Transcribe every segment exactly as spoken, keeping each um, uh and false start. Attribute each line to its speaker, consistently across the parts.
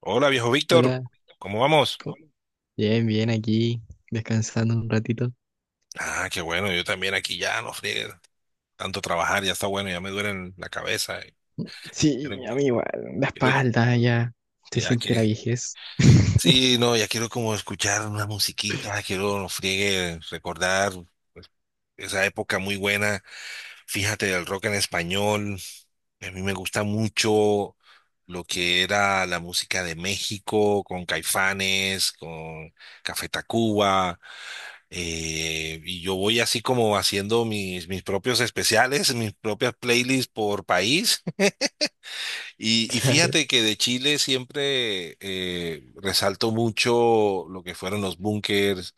Speaker 1: Hola, viejo Víctor,
Speaker 2: Hola,
Speaker 1: ¿cómo vamos?
Speaker 2: co- bien, bien aquí, descansando un ratito.
Speaker 1: Ah, qué bueno, yo también aquí ya, no friegue, tanto trabajar, ya está bueno, ya me duele la cabeza. eh,
Speaker 2: Sí,
Speaker 1: Quiero,
Speaker 2: a mí igual, la
Speaker 1: quiero-
Speaker 2: espalda ya se
Speaker 1: ya
Speaker 2: siente la
Speaker 1: que,
Speaker 2: viejez.
Speaker 1: sí, no, ya quiero como escuchar una musiquita, quiero, no friegue, recordar pues, esa época muy buena. Fíjate, del rock en español, a mí me gusta mucho lo que era la música de México, con Caifanes, con Café Tacuba, eh, y yo voy así como haciendo mis, mis propios especiales, mis propias playlists por país. Y, y
Speaker 2: Claro,
Speaker 1: fíjate que de Chile siempre eh, resalto mucho lo que fueron los bunkers,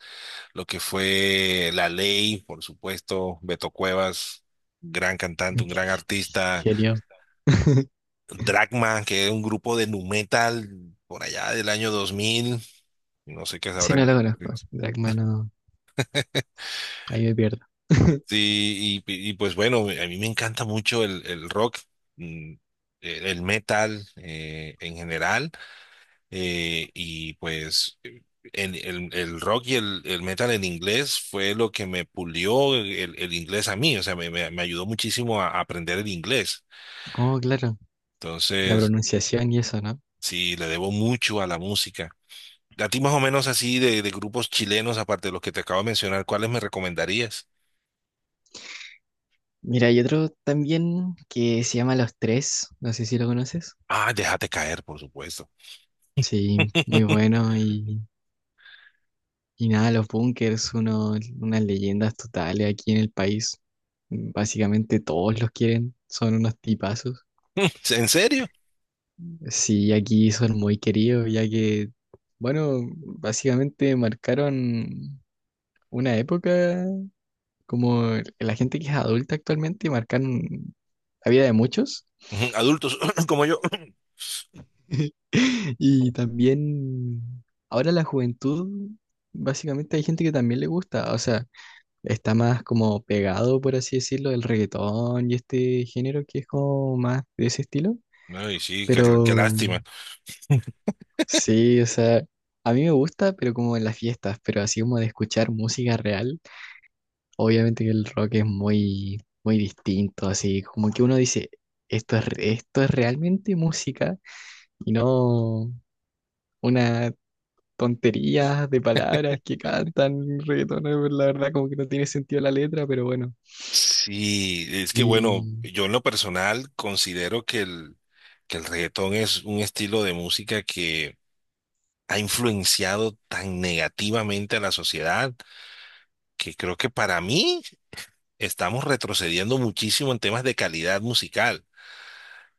Speaker 1: lo que fue La Ley, por supuesto, Beto Cuevas, gran cantante, un gran
Speaker 2: qué
Speaker 1: artista,
Speaker 2: genio.
Speaker 1: Dragma, que es un grupo de nu metal por allá del año dos mil, no sé qué
Speaker 2: Ese
Speaker 1: sabrán.
Speaker 2: no lo conozco, Dragma no, ahí me pierdo.
Speaker 1: Sí, y, y pues bueno, a mí me encanta mucho el, el rock, mm, el, el metal eh, en general. eh, y pues eh, el, el rock y el, el metal en inglés fue lo que me pulió el, el inglés a mí, o sea, me, me- me ayudó muchísimo a, aprender el inglés.
Speaker 2: Oh, claro, la
Speaker 1: Entonces,
Speaker 2: pronunciación y eso, ¿no?
Speaker 1: sí, le debo mucho a la música. A ti más o menos así de, de grupos chilenos, aparte de los que te acabo de mencionar, ¿cuáles me recomendarías?
Speaker 2: Mira, hay otro también que se llama Los Tres, no sé si lo conoces.
Speaker 1: Ah, Déjate caer, por supuesto.
Speaker 2: Sí, muy bueno y, y nada, los bunkers, uno, unas leyendas totales aquí en el país. Básicamente todos los quieren, son unos tipazos.
Speaker 1: ¿En serio?
Speaker 2: Sí, aquí son muy queridos, ya que, bueno, básicamente marcaron una época como la gente que es adulta actualmente, marcaron la vida de muchos.
Speaker 1: Ujú, adultos como yo.
Speaker 2: Y también ahora la juventud, básicamente hay gente que también le gusta, o sea, está más como pegado, por así decirlo, el reggaetón y este género que es como más de ese estilo.
Speaker 1: Ay, sí, qué qué
Speaker 2: Pero
Speaker 1: lástima.
Speaker 2: sí, o sea, a mí me gusta, pero como en las fiestas, pero así como de escuchar música real, obviamente que el rock es muy, muy distinto, así como que uno dice, esto es, re- esto es realmente música y no una tontería de palabras que cantan reggaetoneros, la verdad como que no tiene sentido la letra, pero bueno.
Speaker 1: Sí, es que bueno,
Speaker 2: Y
Speaker 1: yo en lo personal considero que el, que el reggaetón es un estilo de música que ha influenciado tan negativamente a la sociedad que creo que para mí estamos retrocediendo muchísimo en temas de calidad musical.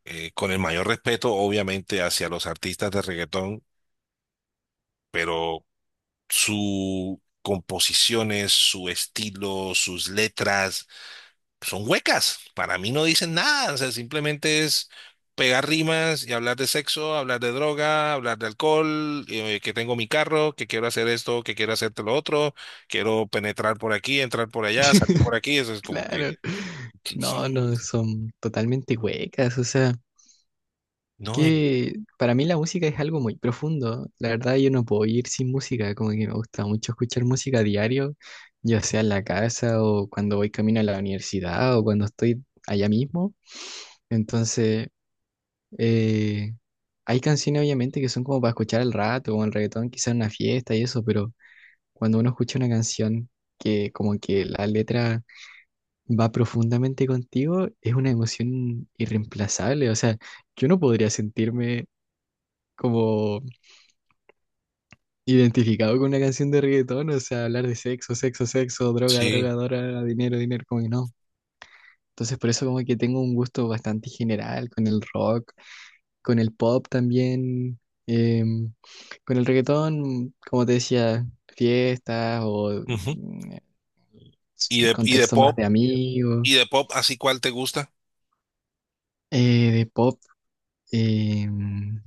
Speaker 1: Eh, con el mayor respeto, obviamente, hacia los artistas de reggaetón, pero su composiciones, su estilo, sus letras son huecas. Para mí no dicen nada, o sea, simplemente es pegar rimas y hablar de sexo, hablar de droga, hablar de alcohol, eh, que tengo mi carro, que quiero hacer esto, que quiero hacerte lo otro, quiero penetrar por aquí, entrar por allá, salir por aquí, eso es como que.
Speaker 2: claro,
Speaker 1: ¿qué-
Speaker 2: no,
Speaker 1: qué
Speaker 2: no,
Speaker 1: es?
Speaker 2: son totalmente huecas, o sea.
Speaker 1: No, y-
Speaker 2: Que para mí la música es algo muy profundo. La verdad, yo no puedo ir sin música, como que me gusta mucho escuchar música a diario, ya sea en la casa o cuando voy camino a la universidad o cuando estoy allá mismo. Entonces, eh, hay canciones obviamente que son como para escuchar al rato o el reggaetón, quizás en una fiesta y eso, pero cuando uno escucha una canción que como que la letra va profundamente contigo, es una emoción irreemplazable. O sea, yo no podría sentirme como identificado con una canción de reggaetón, o sea, hablar de sexo, sexo, sexo, droga,
Speaker 1: sí.
Speaker 2: droga, droga, dinero, dinero, como que no. Entonces, por eso como que tengo un gusto bastante general con el rock, con el pop también, em, con el reggaetón, como te decía, fiestas o
Speaker 1: Ujú.
Speaker 2: mm, s-
Speaker 1: Y de, y de
Speaker 2: contexto más
Speaker 1: pop,
Speaker 2: de amigos,
Speaker 1: y de pop, ¿así cuál te gusta?
Speaker 2: eh, de pop. em,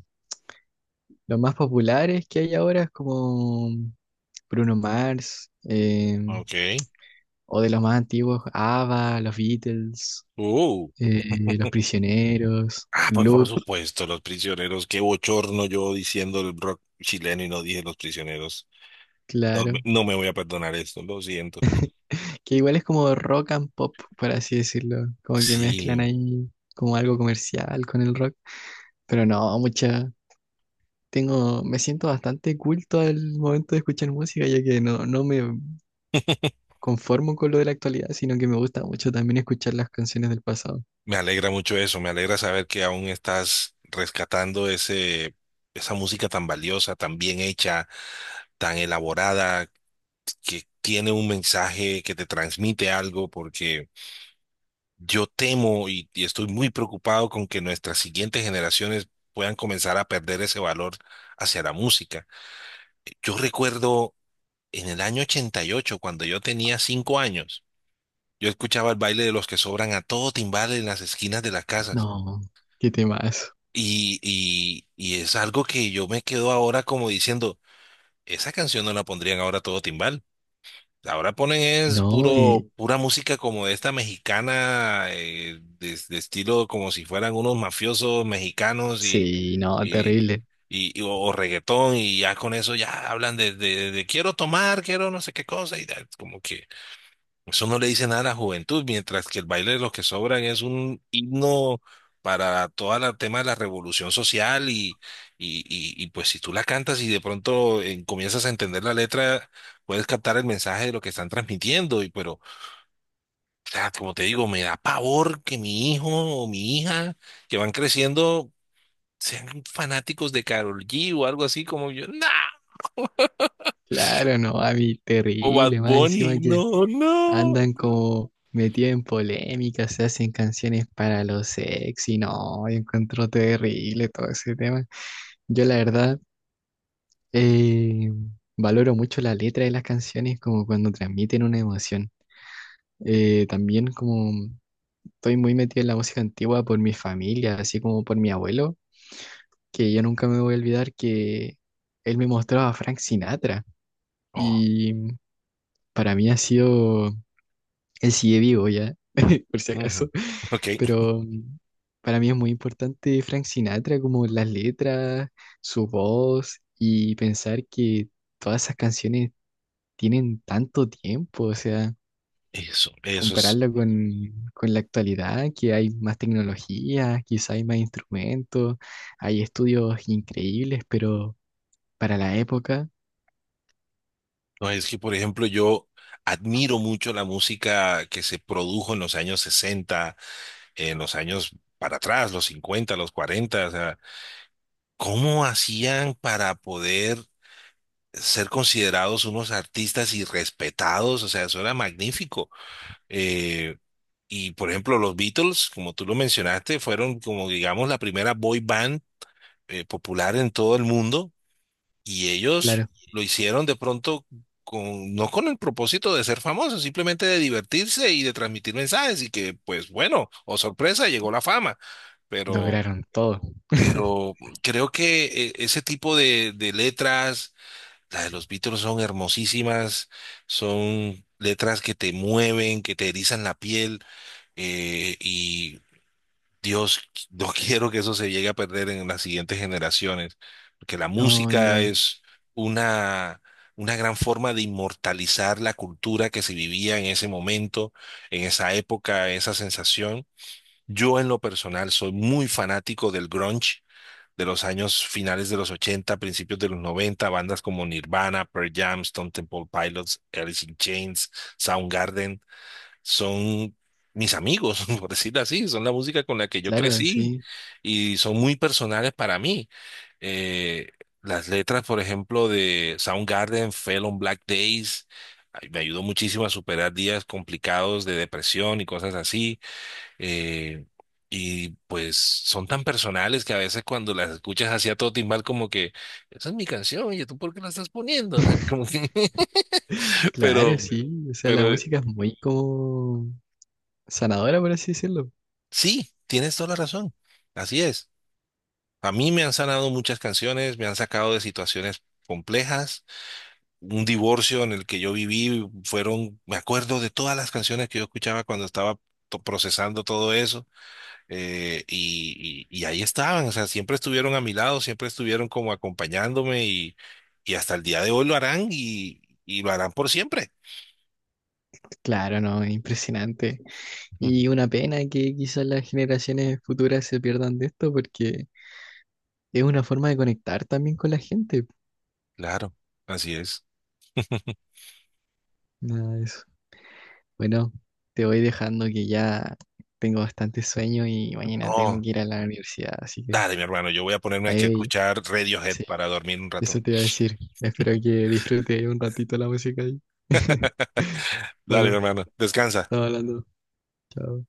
Speaker 2: los más populares que hay ahora es como Bruno Mars, em,
Speaker 1: Ok.
Speaker 2: o de los más antiguos, ABBA, los Beatles,
Speaker 1: Uh.
Speaker 2: eh, Los Prisioneros,
Speaker 1: Ah, pues por
Speaker 2: Gloop,
Speaker 1: supuesto, Los Prisioneros. Qué bochorno yo diciendo el rock chileno y no dije Los Prisioneros. No, me
Speaker 2: claro.
Speaker 1: no me voy a perdonar esto, lo siento.
Speaker 2: Que igual es como rock and pop, por así decirlo. Como que mezclan
Speaker 1: Sí,
Speaker 2: ahí como algo comercial con el rock. Pero no, mucha. Tengo, me siento bastante culto al momento de escuchar música, ya que no, no me conformo con lo de la actualidad, sino que me gusta mucho también escuchar las canciones del pasado.
Speaker 1: me alegra mucho eso, me alegra saber que aún estás rescatando ese, esa música tan valiosa, tan bien hecha, tan elaborada, que tiene un mensaje que te transmite algo, porque yo temo y, y estoy muy preocupado con que nuestras siguientes generaciones puedan comenzar a perder ese valor hacia la música. Yo recuerdo en el año ochenta y ocho cuando yo tenía cinco años. Yo escuchaba el baile de los que sobran a todo timbal en las esquinas de las casas.
Speaker 2: No, qué temas.
Speaker 1: Y, y, y es algo que yo me quedo ahora como diciendo, esa canción no la pondrían ahora a todo timbal. Ahora ponen es
Speaker 2: No, eh,
Speaker 1: puro, pura música como de esta mexicana, eh, de, de estilo como si fueran unos mafiosos mexicanos y,
Speaker 2: sí, no,
Speaker 1: y,
Speaker 2: terrible.
Speaker 1: y- y- o, o reggaetón y ya con eso ya hablan de, de, de quiero tomar, quiero no sé qué cosa y da- como que. Eso no le dice nada a la juventud, mientras que el baile de los que sobran es un himno para todo el tema de la revolución social y, y, y- y, pues si tú la cantas y de pronto eh, comienzas a entender la letra, puedes captar el mensaje de lo que están transmitiendo. Y pero, o sea, como te digo, me da pavor que mi hijo o mi hija que van creciendo sean fanáticos de Karol G o algo así como yo, no,
Speaker 2: Claro, no, a mí
Speaker 1: o Bad
Speaker 2: terrible, más encima
Speaker 1: Bunny,
Speaker 2: que
Speaker 1: no, no.
Speaker 2: andan como metidos en polémicas se hacen canciones para lo sexy, no, yo encuentro terrible todo ese tema. Yo la verdad eh, valoro mucho la letra de las canciones como cuando transmiten una emoción. Eh, también como estoy muy metido en la música antigua por mi familia, así como por mi abuelo, que yo nunca me voy a olvidar que él me mostraba a Frank Sinatra
Speaker 1: Oh,
Speaker 2: y para mí ha sido... Él sigue vivo ya, por si
Speaker 1: ujú,
Speaker 2: acaso.
Speaker 1: ok.
Speaker 2: Pero mm, para mí es muy importante Frank Sinatra, como las letras, su voz y pensar que todas esas canciones tienen tanto tiempo, o sea,
Speaker 1: Eso, eso es.
Speaker 2: compararlo con, con la actualidad, que hay más tecnología, quizá hay más instrumentos, hay estudios increíbles, pero para la época,
Speaker 1: No, es que, por ejemplo, yo admiro mucho la música que se produjo en los años sesenta en los años para atrás, los cincuenta los cuarenta, o sea, ¿cómo hacían para poder ser considerados unos artistas y respetados? O sea, eso era magnífico. Eh, y, por ejemplo, los Beatles, como tú lo mencionaste, fueron como, digamos, la primera boy band eh, popular en todo el mundo. Y ellos
Speaker 2: claro,
Speaker 1: lo hicieron de pronto con, no con el propósito de ser famosos, simplemente de divertirse y de transmitir mensajes y que, pues bueno, o sorpresa, llegó la fama. Pero,
Speaker 2: lograron todo.
Speaker 1: pero creo que eh, ese tipo de, de letras, las de los Beatles son hermosísimas, son letras que te mueven, que te erizan la piel. eh, Dios, no quiero que eso se llegue a perder en las siguientes generaciones, porque la
Speaker 2: No,
Speaker 1: música
Speaker 2: igual,
Speaker 1: es una, una gran forma de inmortalizar la cultura que se vivía en ese momento, en esa época, esa sensación. Yo en lo personal soy muy fanático del grunge de los años finales de los ochenta, principios de los noventa, bandas como Nirvana, Pearl Jam, Stone Temple Pilots, Alice in Chains, Soundgarden son mis amigos, por decirlo así, son la música con la que yo
Speaker 2: claro,
Speaker 1: crecí
Speaker 2: sí.
Speaker 1: y son muy personales para mí. Eh, las letras, por ejemplo, de Soundgarden, Fell on Black Days, ay, me ayudó muchísimo a superar días complicados de depresión y cosas así. Eh, y pues son tan personales que a veces cuando las escuchas así a todo timbal como que, esa es mi canción, oye, ¿tú por qué la estás poniendo? Como que,
Speaker 2: Claro,
Speaker 1: pero.
Speaker 2: sí. O sea,
Speaker 1: Pero
Speaker 2: la música es muy como sanadora, por así decirlo.
Speaker 1: sí, tienes toda la razón. Así es. A mí me han sanado muchas canciones, me han sacado de situaciones complejas. Un divorcio en el que yo viví fueron, me acuerdo de todas las canciones que yo escuchaba cuando estaba to- procesando todo eso. eh, y, y- y ahí estaban, o sea, siempre estuvieron a mi lado, siempre estuvieron como acompañándome y, y hasta el día de hoy lo harán y, y lo harán por siempre.
Speaker 2: Claro, no, es impresionante.
Speaker 1: Ujú.
Speaker 2: Y una pena que quizás las generaciones futuras se pierdan de esto porque es una forma de conectar también con la gente.
Speaker 1: Claro, así es.
Speaker 2: Nada de eso. Bueno, te voy dejando que ya tengo bastante sueño y mañana tengo
Speaker 1: Oh,
Speaker 2: que ir a la universidad, así que
Speaker 1: dale, mi hermano, yo voy a ponerme aquí a
Speaker 2: ahí,
Speaker 1: escuchar Radiohead
Speaker 2: sí,
Speaker 1: para dormir un
Speaker 2: eso
Speaker 1: rato.
Speaker 2: te iba a decir. Espero que disfrutes un ratito la música ahí.
Speaker 1: Dale,
Speaker 2: Bueno,
Speaker 1: hermano, descansa.
Speaker 2: estamos hablando. Chao.